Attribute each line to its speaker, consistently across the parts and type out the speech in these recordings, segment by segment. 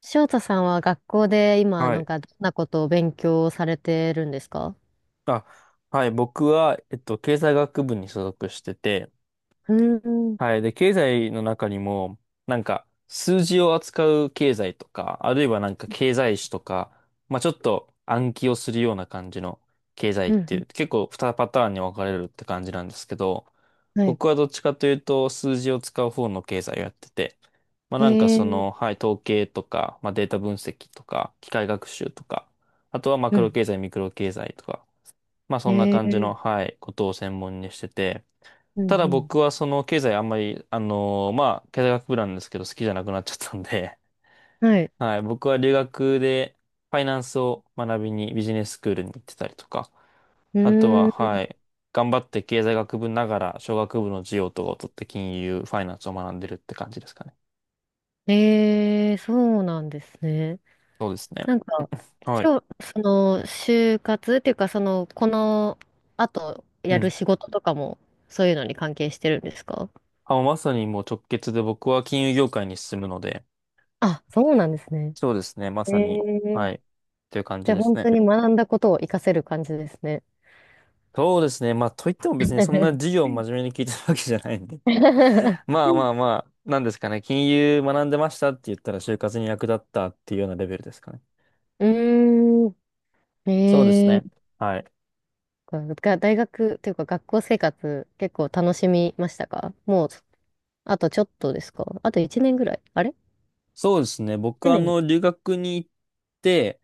Speaker 1: 翔太さんは学校で今、
Speaker 2: は
Speaker 1: なん
Speaker 2: い。
Speaker 1: か、どんなことを勉強されてるんですか？
Speaker 2: あ、はい。僕は、経済学部に所属してて、
Speaker 1: うーん。
Speaker 2: はい。で、経済の中にも、なんか、数字を扱う経済とか、あるいはなんか経済史とか、まあちょっと暗記をするような感じの経済っ
Speaker 1: う
Speaker 2: てい
Speaker 1: ん。
Speaker 2: う、結構2パターンに分かれるって感じなんですけど、
Speaker 1: はい。
Speaker 2: 僕はどっちかというと、数字を使う方の経済をやってて、まあ
Speaker 1: え
Speaker 2: なんかそ
Speaker 1: ー。
Speaker 2: の、はい、統計とか、まあデータ分析とか、機械学習とか、あとはマ
Speaker 1: う
Speaker 2: クロ
Speaker 1: ん。
Speaker 2: 経済、ミクロ経済とか、まあそんな
Speaker 1: え
Speaker 2: 感じ
Speaker 1: ー。
Speaker 2: の、はい、ことを専門にしてて、
Speaker 1: う
Speaker 2: た
Speaker 1: ん。
Speaker 2: だ
Speaker 1: う
Speaker 2: 僕はその経済あんまり、まあ経済学部なんですけど好きじゃなくなっちゃったんで、
Speaker 1: ん。はい。
Speaker 2: はい、僕は留学でファイナンスを学びにビジネススクールに行ってたりとか、
Speaker 1: う
Speaker 2: あとは、
Speaker 1: ー
Speaker 2: はい、頑張って経済学部ながら商学部の授業とかを取って金融、ファイナンスを学んでるって感じですかね。
Speaker 1: ん。えー、そうなんですね。
Speaker 2: そうですね。
Speaker 1: なんか、
Speaker 2: はい。
Speaker 1: その、就活っていうか、その、この後
Speaker 2: う
Speaker 1: やる
Speaker 2: ん。
Speaker 1: 仕事とかも、そういうのに関係してるんですか？
Speaker 2: あ、まさにもう直結で僕は金融業界に進むので、
Speaker 1: あ、そうなんですね。
Speaker 2: そうですね、ま
Speaker 1: え
Speaker 2: さに、
Speaker 1: ー、
Speaker 2: はい、という感
Speaker 1: じ
Speaker 2: じ
Speaker 1: ゃあ
Speaker 2: です
Speaker 1: 本
Speaker 2: ね。
Speaker 1: 当に学んだことを活かせる感じですね。
Speaker 2: そうですね。まあ、といっても別にそんな授 業を真面目に聞いてるわけじゃないんで。
Speaker 1: う
Speaker 2: まあまあまあ、なんですかね。金融学んでましたって言ったら就活に役立ったっていうようなレベルですかね。
Speaker 1: ー
Speaker 2: そうです
Speaker 1: ん。え
Speaker 2: ね。
Speaker 1: え
Speaker 2: はい。
Speaker 1: ー。が、大学というか学校生活結構楽しみましたか？もう、あとちょっとですか？あと1年ぐらいあれ？
Speaker 2: そうですね。僕、
Speaker 1: 1
Speaker 2: あ
Speaker 1: 年。
Speaker 2: の、留学に行って、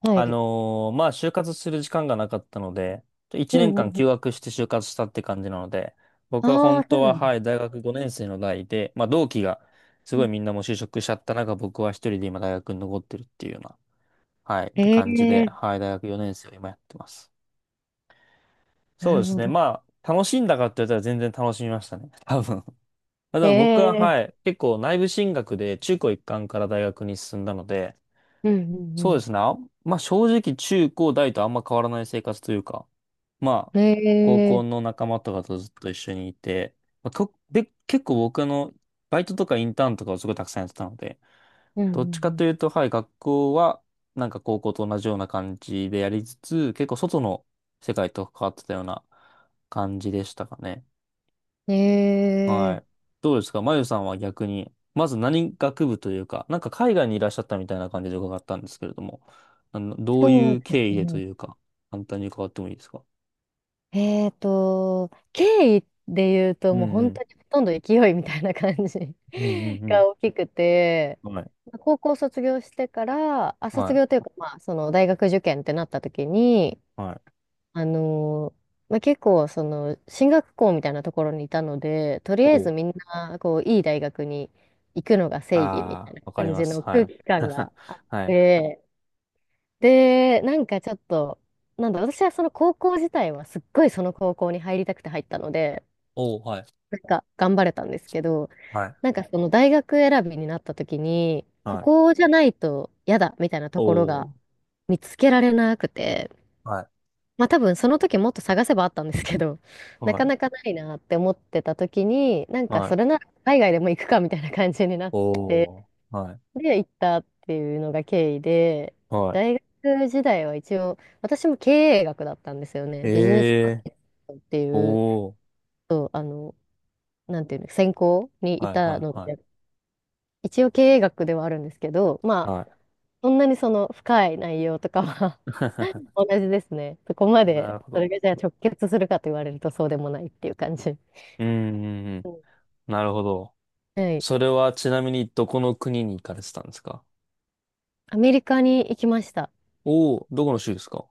Speaker 1: はい。
Speaker 2: まあ、就活する時間がなかったので、1
Speaker 1: う
Speaker 2: 年
Speaker 1: んうん
Speaker 2: 間
Speaker 1: う
Speaker 2: 休
Speaker 1: ん。
Speaker 2: 学して就活したって感じなので、僕は
Speaker 1: あ
Speaker 2: 本
Speaker 1: あ、そ
Speaker 2: 当
Speaker 1: うな
Speaker 2: は、
Speaker 1: んで
Speaker 2: はい、
Speaker 1: す。
Speaker 2: 大学5年生の代で、まあ、同期が、す
Speaker 1: う
Speaker 2: ごい
Speaker 1: ん。
Speaker 2: みんなもう就職しちゃった中、僕は一人で今大学に残ってるっていうようなはい、って
Speaker 1: え
Speaker 2: 感じで、
Speaker 1: え
Speaker 2: はい、大学4年生を今やってます。
Speaker 1: ー。な
Speaker 2: そうで
Speaker 1: る
Speaker 2: す
Speaker 1: ほ
Speaker 2: ね。
Speaker 1: ど。
Speaker 2: まあ、楽しんだかって言ったら全然楽しみましたね。多分。た
Speaker 1: え
Speaker 2: だ僕は、
Speaker 1: え
Speaker 2: は
Speaker 1: ー。
Speaker 2: い、結構内部進学で中高一貫から大学に進んだので、
Speaker 1: うん
Speaker 2: そ
Speaker 1: う
Speaker 2: うで
Speaker 1: ん
Speaker 2: すね。あんまあ正直中高大とあんま変わらない生活というか、まあ、
Speaker 1: うん。
Speaker 2: 高
Speaker 1: え
Speaker 2: 校
Speaker 1: えー。
Speaker 2: の仲間とかとずっと一緒にいて、まあ、とで、結構僕あの、バイトとかインターンとかをすごいたくさんやってたので、
Speaker 1: うん
Speaker 2: どっちか
Speaker 1: う
Speaker 2: という
Speaker 1: ん
Speaker 2: と、はい、学校は、なんか高校と同じような感じでやりつつ、結構外の世界と関わってたような感じでしたかね。
Speaker 1: う
Speaker 2: は
Speaker 1: ん。え
Speaker 2: い。
Speaker 1: え
Speaker 2: どうですか、まゆさんは逆に、まず何学部というか、なんか海外にいらっしゃったみたいな感じで伺ったんですけれども、
Speaker 1: ー。
Speaker 2: どう
Speaker 1: そ
Speaker 2: い
Speaker 1: う
Speaker 2: う
Speaker 1: で
Speaker 2: 経緯
Speaker 1: す
Speaker 2: でと
Speaker 1: ね。
Speaker 2: いうか、簡単に伺ってもいいですか？
Speaker 1: 経緯で言うと、
Speaker 2: うん
Speaker 1: もう
Speaker 2: う
Speaker 1: 本
Speaker 2: ん。
Speaker 1: 当にほとんど勢いみたいな感じ
Speaker 2: うん うん
Speaker 1: が大きくて、
Speaker 2: うん。はい。
Speaker 1: まあ高校卒業してから、あ、
Speaker 2: は
Speaker 1: 卒
Speaker 2: い。
Speaker 1: 業というか、まあ、その大学受験ってなった時に、
Speaker 2: はい。
Speaker 1: あのーまあ、結構、その、進学校みたいなところにいたので、とりあえ
Speaker 2: おう。
Speaker 1: ずみんな、こう、いい大学に行くのが正義みた
Speaker 2: あ
Speaker 1: い
Speaker 2: あ、
Speaker 1: な
Speaker 2: わかり
Speaker 1: 感
Speaker 2: ま
Speaker 1: じ
Speaker 2: す。
Speaker 1: の
Speaker 2: は
Speaker 1: 空
Speaker 2: い。
Speaker 1: 気感が あっ
Speaker 2: はい。
Speaker 1: て、で、なんかちょっと、なんだ、私はその高校自体はすっごいその高校に入りたくて入ったので、
Speaker 2: おう、はい。
Speaker 1: なんか頑張れたんですけど、
Speaker 2: はい。
Speaker 1: なんかその大学選びになった時に、こ
Speaker 2: はい。
Speaker 1: こじゃないと嫌だみたいなところ
Speaker 2: おう。
Speaker 1: が見つけられなくて、
Speaker 2: はい。
Speaker 1: まあ多分その時もっと探せばあったんですけど、な
Speaker 2: は
Speaker 1: か
Speaker 2: い。
Speaker 1: なかないなって思ってた時に、なんか
Speaker 2: は
Speaker 1: そ
Speaker 2: い。
Speaker 1: れなら海外でも行くかみたいな感じになっ
Speaker 2: おー。はい。
Speaker 1: で、行ったっていうのが経緯で、
Speaker 2: は
Speaker 1: 大学時代は一応、私も経営学だったんですよね。
Speaker 2: い。
Speaker 1: ビジネスマー
Speaker 2: えー。
Speaker 1: ケットっていう、
Speaker 2: おー。
Speaker 1: そう、あの、なんていうの、専攻にい
Speaker 2: はい、
Speaker 1: た
Speaker 2: は
Speaker 1: の
Speaker 2: い、は
Speaker 1: で、一応経営学ではあるんですけど、
Speaker 2: い。
Speaker 1: ま
Speaker 2: は
Speaker 1: あ、
Speaker 2: い。
Speaker 1: そんなにその深い内容とかは 同じですね。そこ ま
Speaker 2: な
Speaker 1: で、
Speaker 2: るほ
Speaker 1: そ
Speaker 2: ど。
Speaker 1: れがじゃあ直結するかと言われるとそうでもないっていう感じ。
Speaker 2: うん、うんうん。
Speaker 1: うん。
Speaker 2: なるほど。
Speaker 1: はい。
Speaker 2: それはちなみにどこの国に行かれてたんですか？
Speaker 1: アメリカに行きました。
Speaker 2: おー、どこの州ですか？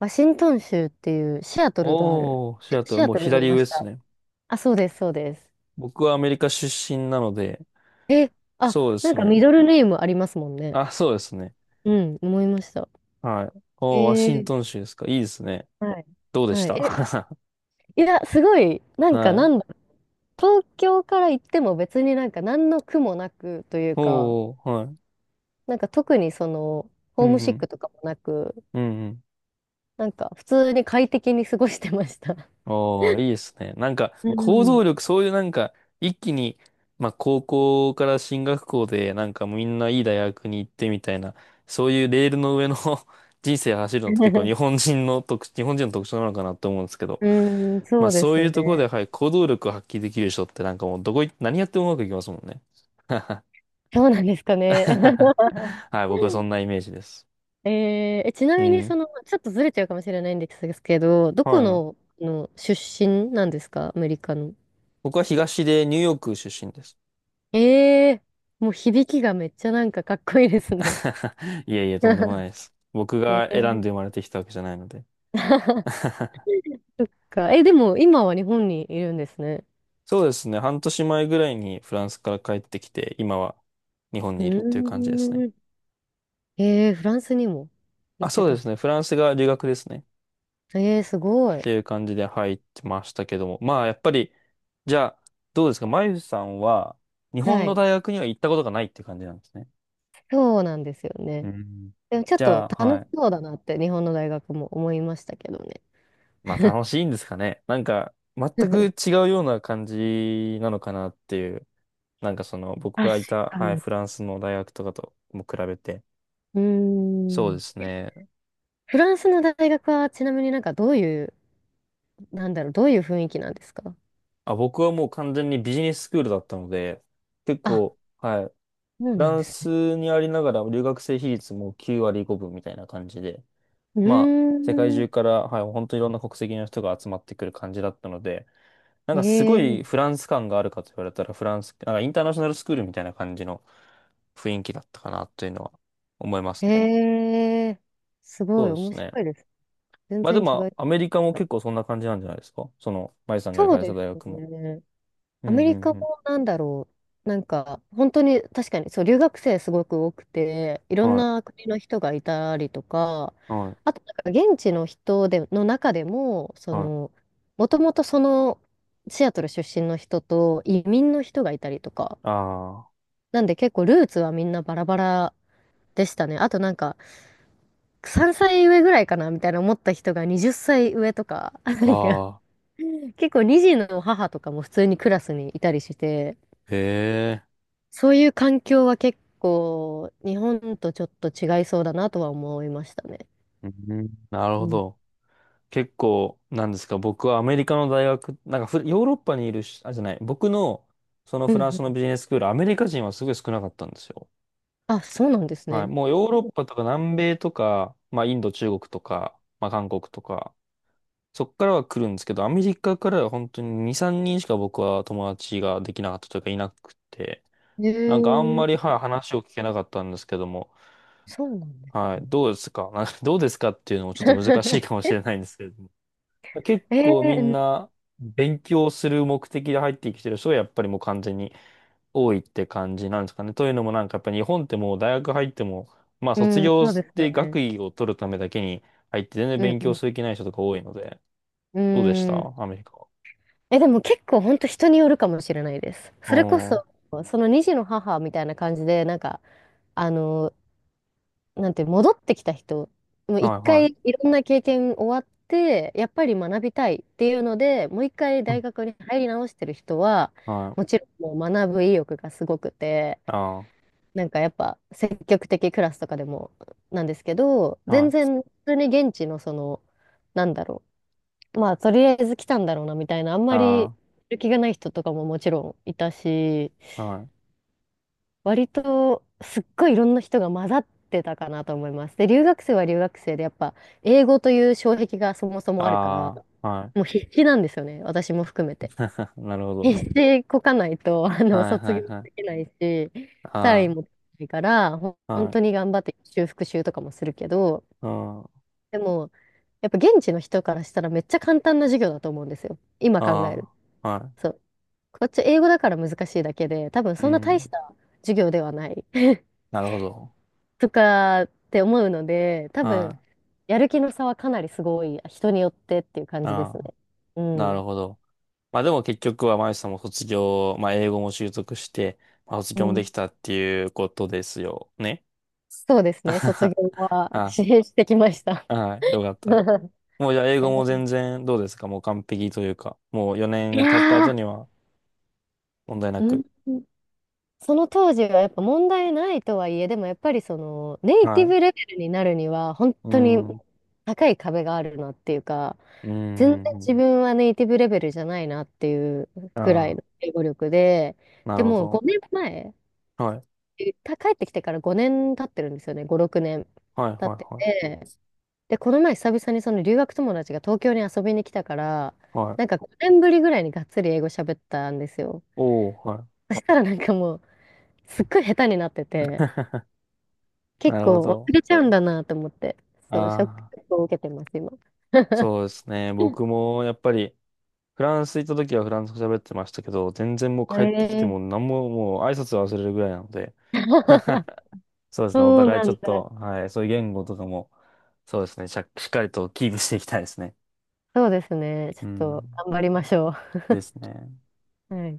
Speaker 1: ワシントン州っていうシアトルがある。
Speaker 2: おー、シア
Speaker 1: シ
Speaker 2: ト
Speaker 1: シ
Speaker 2: ル、
Speaker 1: ア
Speaker 2: もう
Speaker 1: トルにい
Speaker 2: 左
Speaker 1: ま
Speaker 2: 上で
Speaker 1: し
Speaker 2: す
Speaker 1: た。
Speaker 2: ね。
Speaker 1: あ、そうです、そうです。
Speaker 2: 僕はアメリカ出身なので、
Speaker 1: え、あ、
Speaker 2: そうで
Speaker 1: なん
Speaker 2: す
Speaker 1: か
Speaker 2: ね。
Speaker 1: ミドルネームありますもんね。
Speaker 2: あ、そうですね。
Speaker 1: うん、思いました。
Speaker 2: はい。
Speaker 1: え
Speaker 2: おー、ワシン
Speaker 1: ー。
Speaker 2: トン州ですか、いいですね。
Speaker 1: はい。
Speaker 2: どうでし
Speaker 1: はい。
Speaker 2: た？
Speaker 1: え、いや、すごい、なんか
Speaker 2: は
Speaker 1: な
Speaker 2: い。
Speaker 1: んだ、東京から行っても別になんか何の苦もなくというか、
Speaker 2: おー、はい。
Speaker 1: なんか特にその、
Speaker 2: う
Speaker 1: ホ
Speaker 2: ん
Speaker 1: ー
Speaker 2: う
Speaker 1: ムシッ
Speaker 2: ん。
Speaker 1: クとかもなく、
Speaker 2: うんうん。
Speaker 1: なんか普通に快適に過ごしてました。
Speaker 2: おー、いいですね。なんか、
Speaker 1: う
Speaker 2: 行
Speaker 1: ん。
Speaker 2: 動力、そういうなんか、一気に、まあ、高校から進学校で、なんかもうみんないい大学に行ってみたいな、そういうレールの上の 人生走るのって結構日本人の特徴なのかなって思うんですけど、
Speaker 1: うーん、
Speaker 2: ま
Speaker 1: そ
Speaker 2: あ、
Speaker 1: うで
Speaker 2: そう
Speaker 1: す
Speaker 2: いうところで、
Speaker 1: ね。
Speaker 2: はい、行動力を発揮できる人ってなんかもうどこい、何やってもうまくいきますもんね。
Speaker 1: そうなんですかね。
Speaker 2: はい、僕はそんなイメージです。
Speaker 1: えー、え、ちな
Speaker 2: う
Speaker 1: みに
Speaker 2: ん。
Speaker 1: その、ちょっとずれちゃうかもしれないんですけど、ど
Speaker 2: は
Speaker 1: こ
Speaker 2: いはい。
Speaker 1: の、あの出身なんですか？アメリカの。
Speaker 2: 僕はニューヨーク出身です。
Speaker 1: ええ、もう響きがめっちゃなんかかっこいいですね。
Speaker 2: いえいえ、とんでもない です。僕
Speaker 1: ね
Speaker 2: が選ん
Speaker 1: え。
Speaker 2: で生まれてきたわけじゃないので。
Speaker 1: そっか。え、でも今は日本にいるんですね。
Speaker 2: そうですね。半年前ぐらいにフランスから帰ってきて、今は日本
Speaker 1: う
Speaker 2: に
Speaker 1: ー
Speaker 2: いるっていう感じですね。
Speaker 1: ん。えー、フランスにも行
Speaker 2: あ、
Speaker 1: って
Speaker 2: そう
Speaker 1: た
Speaker 2: で
Speaker 1: ん
Speaker 2: す
Speaker 1: で
Speaker 2: ね。フランスが留学ですね。っ
Speaker 1: す。えー、すごい。
Speaker 2: ていう感じで入ってましたけども。まあ、やっぱり、じゃあ、どうですか、まゆさんは、日本
Speaker 1: は
Speaker 2: の
Speaker 1: い。
Speaker 2: 大学には行ったことがないっていう感じなんですね。
Speaker 1: そうなんですよ
Speaker 2: う
Speaker 1: ね。
Speaker 2: ん。
Speaker 1: でもちょっ
Speaker 2: じ
Speaker 1: と
Speaker 2: ゃあ、
Speaker 1: 楽
Speaker 2: は
Speaker 1: し
Speaker 2: い。
Speaker 1: そうだなって日本の大学も思いましたけどね。
Speaker 2: まあ、楽しいんですかね。なんか、全く 違うような感じなのかなっていう。なんかその、僕
Speaker 1: 確
Speaker 2: がいた、
Speaker 1: か
Speaker 2: はい、
Speaker 1: に。
Speaker 2: フランスの大学とかとも比べて。
Speaker 1: うー
Speaker 2: そうで
Speaker 1: ん。
Speaker 2: すね。
Speaker 1: フランスの大学はちなみになんかどういう、なんだろう、どういう雰囲気なんですか？
Speaker 2: あ、僕はもう完全にビジネススクールだったので、結
Speaker 1: あ、
Speaker 2: 構、はい、フ
Speaker 1: そうなん
Speaker 2: ラ
Speaker 1: で
Speaker 2: ン
Speaker 1: すね。
Speaker 2: スにありながら留学生比率も9割5分みたいな感じで、
Speaker 1: う
Speaker 2: まあ、世界
Speaker 1: ー
Speaker 2: 中
Speaker 1: ん。
Speaker 2: から、はい、本当いろんな国籍の人が集まってくる感じだったので、なん
Speaker 1: え
Speaker 2: かすごい
Speaker 1: え、
Speaker 2: フランス感があるかと言われたら、フランス、なんかインターナショナルスクールみたいな感じの雰囲気だったかなというのは思いますね。
Speaker 1: ええ、すご
Speaker 2: そ
Speaker 1: い
Speaker 2: うで
Speaker 1: 面
Speaker 2: すね。
Speaker 1: 白いです。全
Speaker 2: まあで
Speaker 1: 然違
Speaker 2: も、ア
Speaker 1: い。
Speaker 2: メリカも結構そんな感じなんじゃないですか、その、マイさんが行
Speaker 1: そ
Speaker 2: か
Speaker 1: う
Speaker 2: れた
Speaker 1: で
Speaker 2: 大
Speaker 1: す
Speaker 2: 学も。
Speaker 1: ね。
Speaker 2: う
Speaker 1: アメリ
Speaker 2: ん
Speaker 1: カ
Speaker 2: うん
Speaker 1: もなんだろう。なんか、本当に確かに、そう、留学生すごく多くて、い
Speaker 2: う
Speaker 1: ろ
Speaker 2: ん。
Speaker 1: ん
Speaker 2: はい、
Speaker 1: な国の人がいたりとか、
Speaker 2: はい、
Speaker 1: あと、なんか現地の人で、の中でも、そ
Speaker 2: はい。
Speaker 1: の、もともとその、シアトル出身の人と移民の人がいたりとか、
Speaker 2: あ
Speaker 1: なんで結構ルーツはみんなバラバラでしたね。あとなんか、3歳上ぐらいかなみたいな思った人が20歳上とか、な
Speaker 2: あ
Speaker 1: んか
Speaker 2: ああ、
Speaker 1: 結構2児の母とかも普通にクラスにいたりして、
Speaker 2: へえ、
Speaker 1: そういう環境は結構日本とちょっと違いそうだなとは思いましたね。
Speaker 2: あ。うん、なる
Speaker 1: う
Speaker 2: ほ
Speaker 1: ん。
Speaker 2: ど。結構、なんですか、僕はアメリカの大学、なんかフヨーロッパにいるし、あ、じゃない、僕の、その
Speaker 1: うん
Speaker 2: フ
Speaker 1: う
Speaker 2: ランスの
Speaker 1: ん。
Speaker 2: ビジネススクール、アメリカ人はすごい少なかったんですよ。
Speaker 1: あ、そうなんです
Speaker 2: はい。
Speaker 1: ね。
Speaker 2: もうヨーロッパとか南米とか、まあインド、中国とか、まあ韓国とか、そっからは来るんですけど、アメリカからは本当に2、3人しか僕は友達ができなかったというかいなくて、
Speaker 1: へ
Speaker 2: なんかあんまり、
Speaker 1: え。
Speaker 2: はい、話を聞けなかったんですけども、
Speaker 1: そうなんで
Speaker 2: は
Speaker 1: す
Speaker 2: い、
Speaker 1: ね。
Speaker 2: どうですか？ なんかどうですかっていうのもちょっと難しいかも しれないんですけれども。結
Speaker 1: え
Speaker 2: 構
Speaker 1: え、
Speaker 2: み
Speaker 1: う
Speaker 2: ん
Speaker 1: ん。
Speaker 2: な勉強する目的で入ってきてる人がやっぱりもう完全に多いって感じなんですかね。というのもなんかやっぱ日本ってもう大学入っても、まあ
Speaker 1: う
Speaker 2: 卒
Speaker 1: ん、
Speaker 2: 業
Speaker 1: そうですよ
Speaker 2: で学
Speaker 1: ね。
Speaker 2: 位を取るためだけに入って全然
Speaker 1: うん、
Speaker 2: 勉
Speaker 1: う
Speaker 2: 強
Speaker 1: ん、
Speaker 2: する気ない人とか多いので、
Speaker 1: う
Speaker 2: どうでし
Speaker 1: ー
Speaker 2: た
Speaker 1: ん。
Speaker 2: アメリカは？
Speaker 1: え、でも結構本当人によるかもしれないです。
Speaker 2: お
Speaker 1: それこ
Speaker 2: ー、
Speaker 1: そ、その2児の母みたいな感じで、なんか、あの、なんて戻ってきた人、もう一
Speaker 2: はいは
Speaker 1: 回いろんな経験終わって、やっぱり学びたいっていうので、もう一回
Speaker 2: い。うん、
Speaker 1: 大学に入り直してる人は、
Speaker 2: はい。
Speaker 1: もちろんもう学ぶ意欲がすごくて、
Speaker 2: あ
Speaker 1: なんかやっぱ積極的クラスとかでもなんですけど、
Speaker 2: あ、は
Speaker 1: 全
Speaker 2: い。
Speaker 1: 然普通に現地のその、なんだろう、まあとりあえず来たんだろうなみたいな、あんまりや
Speaker 2: あ
Speaker 1: る気がない人とかももちろんいたし、
Speaker 2: あ、はい。
Speaker 1: 割とすっごいいろんな人が混ざってたかなと思います。で、留学生は留学生で、やっぱ英語という障壁がそもそもあるから、
Speaker 2: ああ、はい。
Speaker 1: もう必死なんですよね、私も含めて。
Speaker 2: なるほど。
Speaker 1: 必死でこかないと、あの、
Speaker 2: はい
Speaker 1: 卒
Speaker 2: は
Speaker 1: 業
Speaker 2: いは
Speaker 1: で
Speaker 2: い。
Speaker 1: きないし、単位
Speaker 2: あ
Speaker 1: も取れないから、ほん
Speaker 2: あ、
Speaker 1: 本
Speaker 2: は
Speaker 1: 当
Speaker 2: い。
Speaker 1: に頑張って修復習とかもするけど、
Speaker 2: うん、あ
Speaker 1: でも、やっぱ現地の人からしたらめっちゃ簡単な授業だと思うんですよ。今考える。
Speaker 2: あ、は
Speaker 1: そう。こっち英語だから難しいだけで、多分
Speaker 2: い。う
Speaker 1: そんな大し
Speaker 2: ん。
Speaker 1: た授業ではない。
Speaker 2: なるほど。
Speaker 1: とかって思うので、多
Speaker 2: は
Speaker 1: 分、
Speaker 2: い。
Speaker 1: やる気の差はかなりすごい、人によってっていう感じです
Speaker 2: あ
Speaker 1: ね。
Speaker 2: あ、
Speaker 1: う
Speaker 2: なる
Speaker 1: ん。
Speaker 2: ほど。まあでも結局は、まゆさんも卒業、まあ英語も習得して、まあ卒
Speaker 1: う
Speaker 2: 業もで
Speaker 1: ん。
Speaker 2: きたっていうことですよね。
Speaker 1: そうですね、卒業 は
Speaker 2: あ、
Speaker 1: 支援してきました。
Speaker 2: はい。よかった。もうじゃあ英語も全然どうですか？もう完璧というか、もう
Speaker 1: い
Speaker 2: 4年経った
Speaker 1: や
Speaker 2: 後
Speaker 1: ー、
Speaker 2: には、問題な
Speaker 1: うん、
Speaker 2: く。
Speaker 1: その当時はやっぱ問題ないとはいえ、でもやっぱりそのネイ
Speaker 2: は
Speaker 1: ティ
Speaker 2: い。
Speaker 1: ブレベルになるには本
Speaker 2: う
Speaker 1: 当に
Speaker 2: ーん。
Speaker 1: 高い壁があるなっていうか、
Speaker 2: うー
Speaker 1: 全然
Speaker 2: ん。
Speaker 1: 自分はネイティブレベルじゃないなっていうくらい
Speaker 2: あ
Speaker 1: の英語力で、
Speaker 2: あ、な
Speaker 1: で
Speaker 2: るほ
Speaker 1: もう
Speaker 2: ど。
Speaker 1: 5年前
Speaker 2: はい。
Speaker 1: えた帰ってきてから5年経ってるんですよね、5、6年
Speaker 2: はい、はい、
Speaker 1: 経って
Speaker 2: は
Speaker 1: て、で、この前久々にその留学友達が東京に遊びに来たから、
Speaker 2: い。は
Speaker 1: なん
Speaker 2: い。
Speaker 1: か5年ぶりぐらいにがっつり英語喋ったんですよ。
Speaker 2: おー、はい。
Speaker 1: そしたらなんかもう、すっごい下手になってて、
Speaker 2: な
Speaker 1: 結
Speaker 2: るほ
Speaker 1: 構忘
Speaker 2: ど。
Speaker 1: れちゃうんだなと思って、そう、ショッ
Speaker 2: ああ、
Speaker 1: クを受けてます、今。
Speaker 2: そうですね。僕もやっぱり、フランス行った時はフランス語喋ってましたけど、全然もう
Speaker 1: え
Speaker 2: 帰ってきて
Speaker 1: ー、
Speaker 2: も何ももう挨拶忘れるぐらいなので、そうで すね。お
Speaker 1: そう
Speaker 2: 互い
Speaker 1: な
Speaker 2: ちょ
Speaker 1: ん
Speaker 2: っ
Speaker 1: だ。
Speaker 2: と、はい。そういう言語とかも、そうですね。しっかりとキープしていきたいですね。
Speaker 1: そうですね。ちょ
Speaker 2: う
Speaker 1: っと
Speaker 2: ん。
Speaker 1: 頑張りましょ
Speaker 2: ですね。
Speaker 1: う。はい